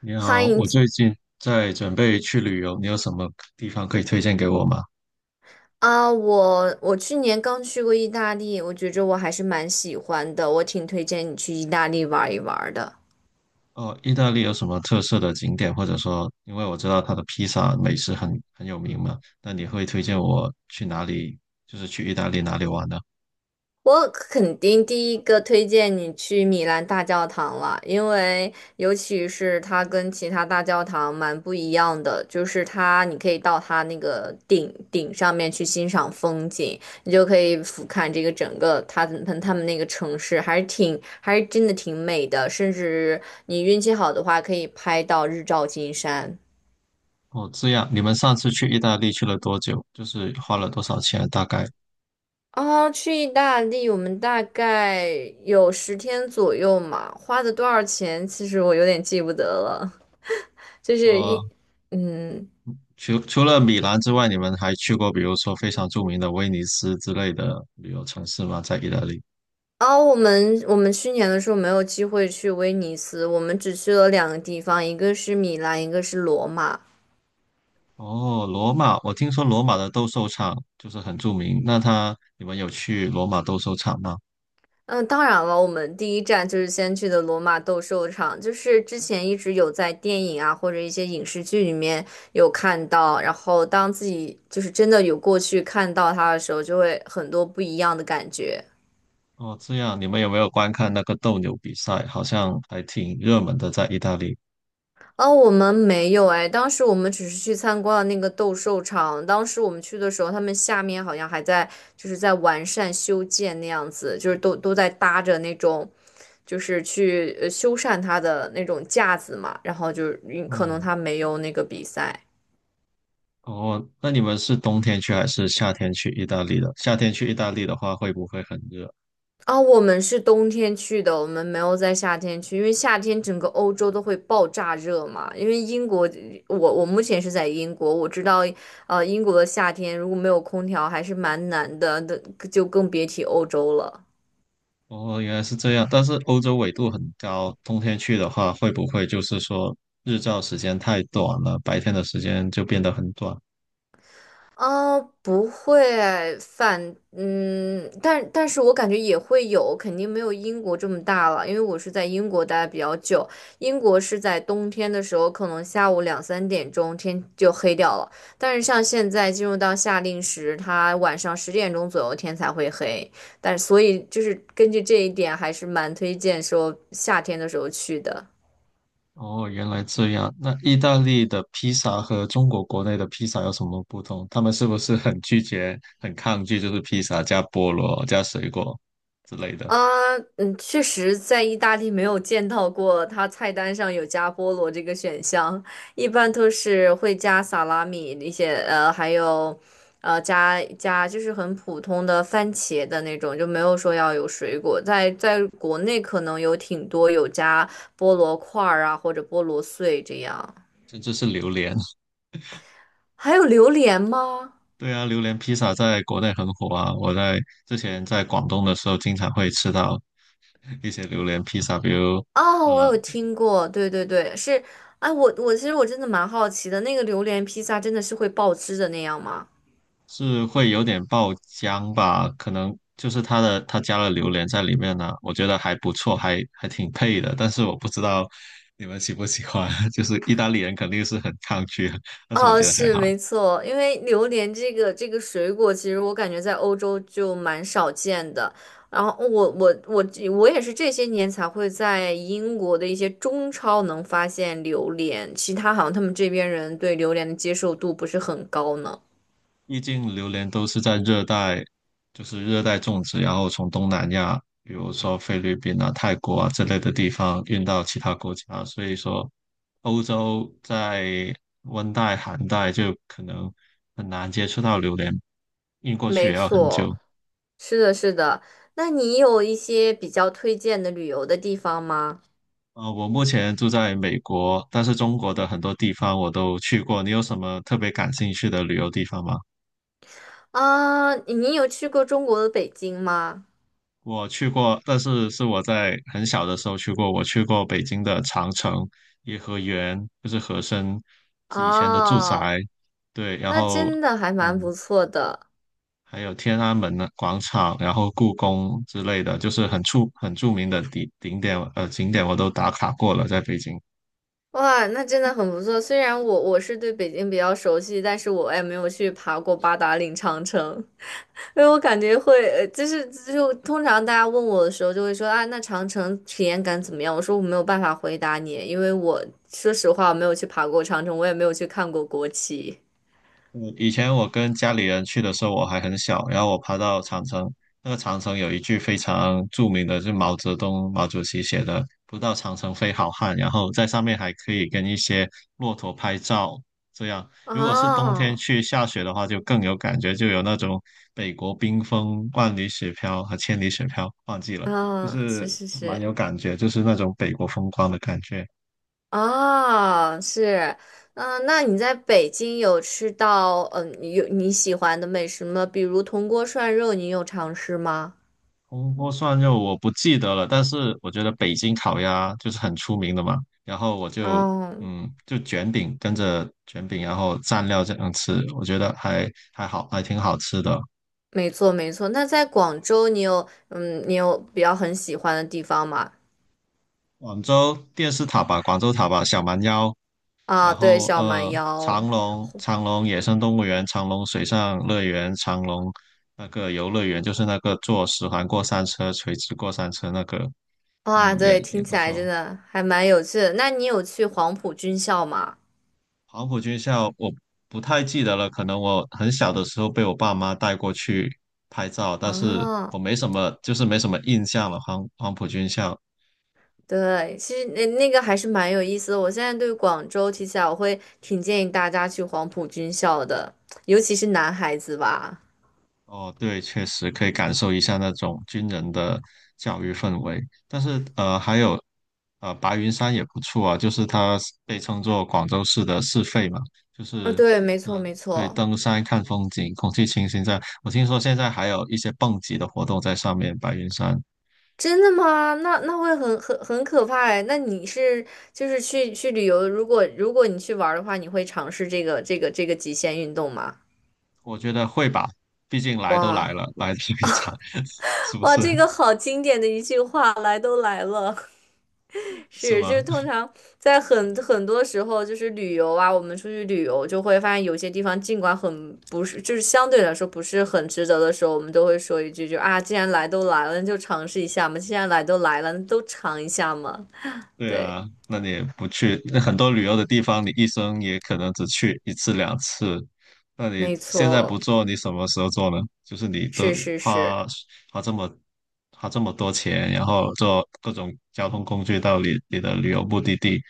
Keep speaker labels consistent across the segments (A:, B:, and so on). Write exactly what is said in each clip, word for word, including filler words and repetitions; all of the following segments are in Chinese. A: 你好，
B: 欢迎
A: 我最近在准备去旅游，你有什么地方可以推荐给我吗？
B: 啊！我我去年刚去过意大利，我觉着我还是蛮喜欢的，我挺推荐你去意大利玩一玩的。
A: 哦，意大利有什么特色的景点，或者说，因为我知道它的披萨美食很很有名嘛，那你会推荐我去哪里？就是去意大利哪里玩呢？
B: 我肯定第一个推荐你去米兰大教堂了，因为尤其是它跟其他大教堂蛮不一样的，就是它你可以到它那个顶顶上面去欣赏风景，你就可以俯瞰这个整个它它他们那个城市，还是挺还是真的挺美的，甚至你运气好的话可以拍到日照金山。
A: 哦，这样，你们上次去意大利去了多久？就是花了多少钱？大概？
B: 啊，去意大利，我们大概有十天左右嘛，花的多少钱，其实我有点记不得了。就是一，
A: 呃，
B: 嗯，
A: 除除了米兰之外，你们还去过比如说非常著名的威尼斯之类的旅游城市吗？在意大利？
B: 哦，我们我们去年的时候没有机会去威尼斯，我们只去了两个地方，一个是米兰，一个是罗马。
A: 哦，罗马，我听说罗马的斗兽场就是很著名。那他，你们有去罗马斗兽场吗？
B: 嗯，当然了，我们第一站就是先去的罗马斗兽场，就是之前一直有在电影啊或者一些影视剧里面有看到，然后当自己就是真的有过去看到它的时候，就会很多不一样的感觉。
A: 哦，这样，你们有没有观看那个斗牛比赛？好像还挺热门的，在意大利。
B: 哦，我们没有哎，当时我们只是去参观了那个斗兽场。当时我们去的时候，他们下面好像还在就是在完善修建那样子，就是都都在搭着那种，就是去呃修缮它的那种架子嘛。然后就是嗯可能
A: 嗯，
B: 他没有那个比赛。
A: 哦，那你们是冬天去还是夏天去意大利的？夏天去意大利的话，会不会很热？
B: 啊，我们是冬天去的，我们没有在夏天去，因为夏天整个欧洲都会爆炸热嘛。因为英国，我我目前是在英国，我知道，呃，英国的夏天如果没有空调还是蛮难的，那就更别提欧洲了。
A: 哦，原来是这样。但是欧洲纬度很高，冬天去的话，会不会就是说日照时间太短了，白天的时间就变得很短？
B: 哦，不会反，嗯，但但是我感觉也会有，肯定没有英国这么大了，因为我是在英国待得比较久，英国是在冬天的时候，可能下午两三点钟天就黑掉了，但是像现在进入到夏令时，它晚上十点钟左右天才会黑，但所以就是根据这一点，还是蛮推荐说夏天的时候去的。
A: 哦，原来这样。那意大利的披萨和中国国内的披萨有什么不同？他们是不是很拒绝、很抗拒，就是披萨加菠萝、加水果之类的，
B: 啊，嗯，确实在意大利没有见到过它菜单上有加菠萝这个选项，一般都是会加萨拉米那些，呃，还有，呃，加加就是很普通的番茄的那种，就没有说要有水果。在在国内可能有挺多有加菠萝块儿啊，或者菠萝碎这样。
A: 甚至是榴莲？
B: 还有榴莲吗？
A: 对啊，榴莲披萨在国内很火啊。我在之前在广东的时候，经常会吃到一些榴莲披萨，比如
B: 哦，我
A: 呃
B: 有听过，对对对，是，哎，我我其实我真的蛮好奇的，那个榴莲披萨真的是会爆汁的那样吗？
A: 是会有点爆浆吧，可能就是它的它加了榴莲在里面呢、我觉得还不错，还还挺配的。但是我不知道你们喜不喜欢，就是意大利人肯定是很抗拒，但是我
B: 哦，
A: 觉得还
B: 是
A: 好，
B: 没错，因为榴莲这个这个水果，其实我感觉在欧洲就蛮少见的。然后我我我我也是这些年才会在英国的一些中超能发现榴莲，其他好像他们这边人对榴莲的接受度不是很高呢。
A: 毕竟榴莲都是在热带，就是热带种植，然后从东南亚，比如说菲律宾啊、泰国啊之类的地方运到其他国家，所以说欧洲在温带、寒带就可能很难接触到榴莲，运过去
B: 没
A: 也要很久。
B: 错。是的，是的。那你有一些比较推荐的旅游的地方吗？
A: 呃，我目前住在美国，但是中国的很多地方我都去过。你有什么特别感兴趣的旅游地方吗？
B: 啊，你有去过中国的北京吗？
A: 我去过，但是是我在很小的时候去过。我去过北京的长城、颐和园，就是和珅以前的住
B: 哦，
A: 宅。对，然
B: 那
A: 后
B: 真的还蛮
A: 嗯，
B: 不错的。
A: 还有天安门的广场，然后故宫之类的，就是很出很著名的景景点，呃，景点我都打卡过了，在北京。
B: 哇，那真的很不错。虽然我我是对北京比较熟悉，但是我也没有去爬过八达岭长城，因为我感觉会，呃就是就通常大家问我的时候就会说啊，那长城体验感怎么样？我说我没有办法回答你，因为我说实话我没有去爬过长城，我也没有去看过国旗。
A: 嗯，以前我跟家里人去的时候，我还很小，然后我爬到长城，那个长城有一句非常著名的，就是毛泽东毛主席写的“不到长城非好汉”，然后在上面还可以跟一些骆驼拍照，这样如果是冬天
B: 哦，
A: 去下雪的话，就更有感觉，就有那种北国冰封、万里雪飘和千里雪飘，忘记了，就
B: 嗯，是
A: 是
B: 是
A: 蛮有
B: 是，
A: 感觉，就是那种北国风光的感觉。
B: 哦，是，嗯，那你在北京有吃到嗯有你喜欢的美食吗？比如铜锅涮肉，你有尝试吗？
A: 铜锅涮肉我不记得了，但是我觉得北京烤鸭就是很出名的嘛，然后我就
B: 哦，
A: 嗯就卷饼跟着卷饼，然后蘸料这样吃，我觉得还还好，还挺好吃的。
B: 没错没错。那在广州，你有嗯你有比较很喜欢的地方吗？
A: 广州电视塔吧，广州塔吧，小蛮腰，
B: 啊，
A: 然
B: 对，
A: 后
B: 小蛮
A: 呃
B: 腰，
A: 长隆长隆野生动物园、长隆水上乐园、长隆那个游乐园，就是那个坐十环过山车、垂直过山车那个，
B: 哇，
A: 嗯也
B: 对，
A: 也
B: 听起
A: 不
B: 来真
A: 错。
B: 的还蛮有趣的。那你有去黄埔军校吗？
A: 黄埔军校我不太记得了，可能我很小的时候被我爸妈带过去拍照，但是
B: 啊。
A: 我没什么，就是没什么印象了。黄黄埔军校，
B: 对，其实那那个还是蛮有意思的。我现在对广州提起来，我会挺建议大家去黄埔军校的，尤其是男孩子吧。
A: 哦，对，确实可以感受一下那种军人的教育氛围。但是呃，还有呃，白云山也不错啊，就是它被称作广州市的市肺嘛，就
B: 啊，
A: 是
B: 对，没错，
A: 呃，
B: 没
A: 可以
B: 错。
A: 登山看风景，空气清新在。我听说现在还有一些蹦极的活动在上面，白云山。
B: 真的吗？那那会很很很可怕哎。那你是就是去去旅游，如果如果你去玩儿的话，你会尝试这个这个这个极限运动吗？
A: 我觉得会吧，毕竟来都来
B: 哇
A: 了，来这一场，是不
B: 哇，
A: 是？
B: 这个好经典的一句话，来都来了。
A: 是
B: 是，就
A: 吗？
B: 是通常在很很多时候，就是旅游啊，我们出去旅游就会发现有些地方尽管很不是，就是相对来说不是很值得的时候，我们都会说一句就啊，既然来都来了，那就尝试一下嘛，既然来都来了，那都尝一下嘛。
A: 对
B: 对，
A: 啊，那你也不去，那很多旅游的地方，你一生也可能只去一次两次。那你
B: 没
A: 现在
B: 错，
A: 不做，你什么时候做呢？就是你都
B: 是是是，
A: 花花这么花这么多钱，然后坐各种交通工具到你你的旅游目的地，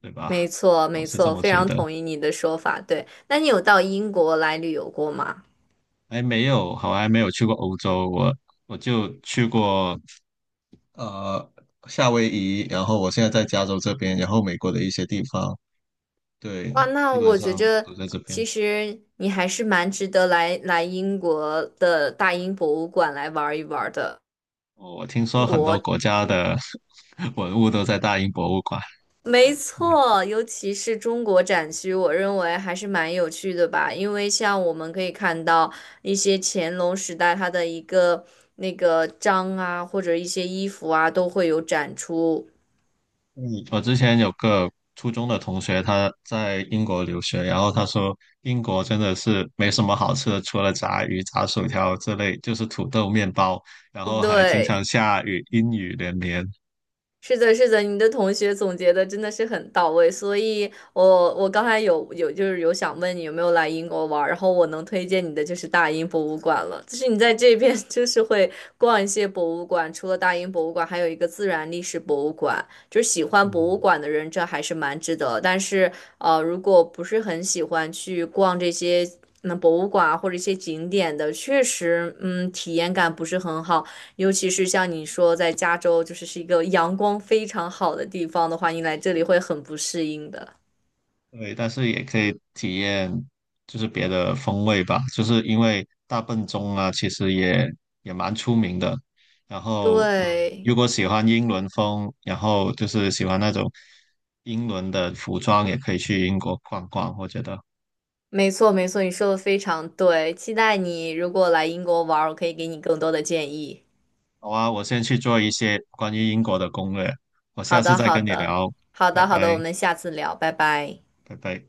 A: 对
B: 没
A: 吧？
B: 错
A: 我
B: 没
A: 是这
B: 错，
A: 么
B: 非
A: 觉
B: 常
A: 得。
B: 同意你的说法。对，那你有到英国来旅游过吗？
A: 还没有，好，还没有去过欧洲，我我就去过呃，夏威夷，然后我现在在加州这边，然后美国的一些地方，对，
B: 哇，那
A: 基本
B: 我觉
A: 上
B: 着
A: 都在这
B: 其
A: 边。
B: 实你还是蛮值得来来英国的大英博物馆来玩一玩的。
A: 哦我听
B: 中
A: 说很
B: 国，
A: 多国家的 文物都在大英博物馆。
B: 没
A: 嗯，
B: 错，尤其是中国展区，我认为还是蛮有趣的吧。因为像我们可以看到一些乾隆时代它的一个那个章啊，或者一些衣服啊，都会有展出。
A: 嗯我之前有个初中的同学，他在英国留学，然后他说英国真的是没什么好吃的，除了炸鱼、炸薯条之类，就是土豆、面包，然后还经常
B: 对。
A: 下雨，阴雨连绵。
B: 是的，是的，你的同学总结的真的是很到位，所以我我刚才有有就是有想问你有没有来英国玩儿然后我能推荐你的就是大英博物馆了，就是你在这边 就是会逛一些博物馆，除了大英博物馆，还有一个自然历史博物馆，就是喜欢博
A: 嗯。
B: 物馆的人这还是蛮值得，但是呃，如果不是很喜欢去逛这些。那博物馆啊或者一些景点的，确实，嗯，体验感不是很好。尤其是像你说在加州，就是是一个阳光非常好的地方的话，你来这里会很不适应的。
A: 对，但是也可以体验就是别的风味吧，就是因为大笨钟啊，其实也也蛮出名的。然后，嗯，如
B: 对，
A: 果喜欢英伦风，然后就是喜欢那种英伦的服装，也可以去英国逛逛。我觉得，
B: 没错没错，你说的非常对。期待你如果来英国玩儿，我可以给你更多的建议。
A: 好啊，我先去做一些关于英国的攻略，我
B: 好
A: 下次
B: 的
A: 再
B: 好
A: 跟你
B: 的
A: 聊，
B: 好
A: 拜
B: 的好的，我
A: 拜，
B: 们下次聊，拜拜。
A: 拜拜。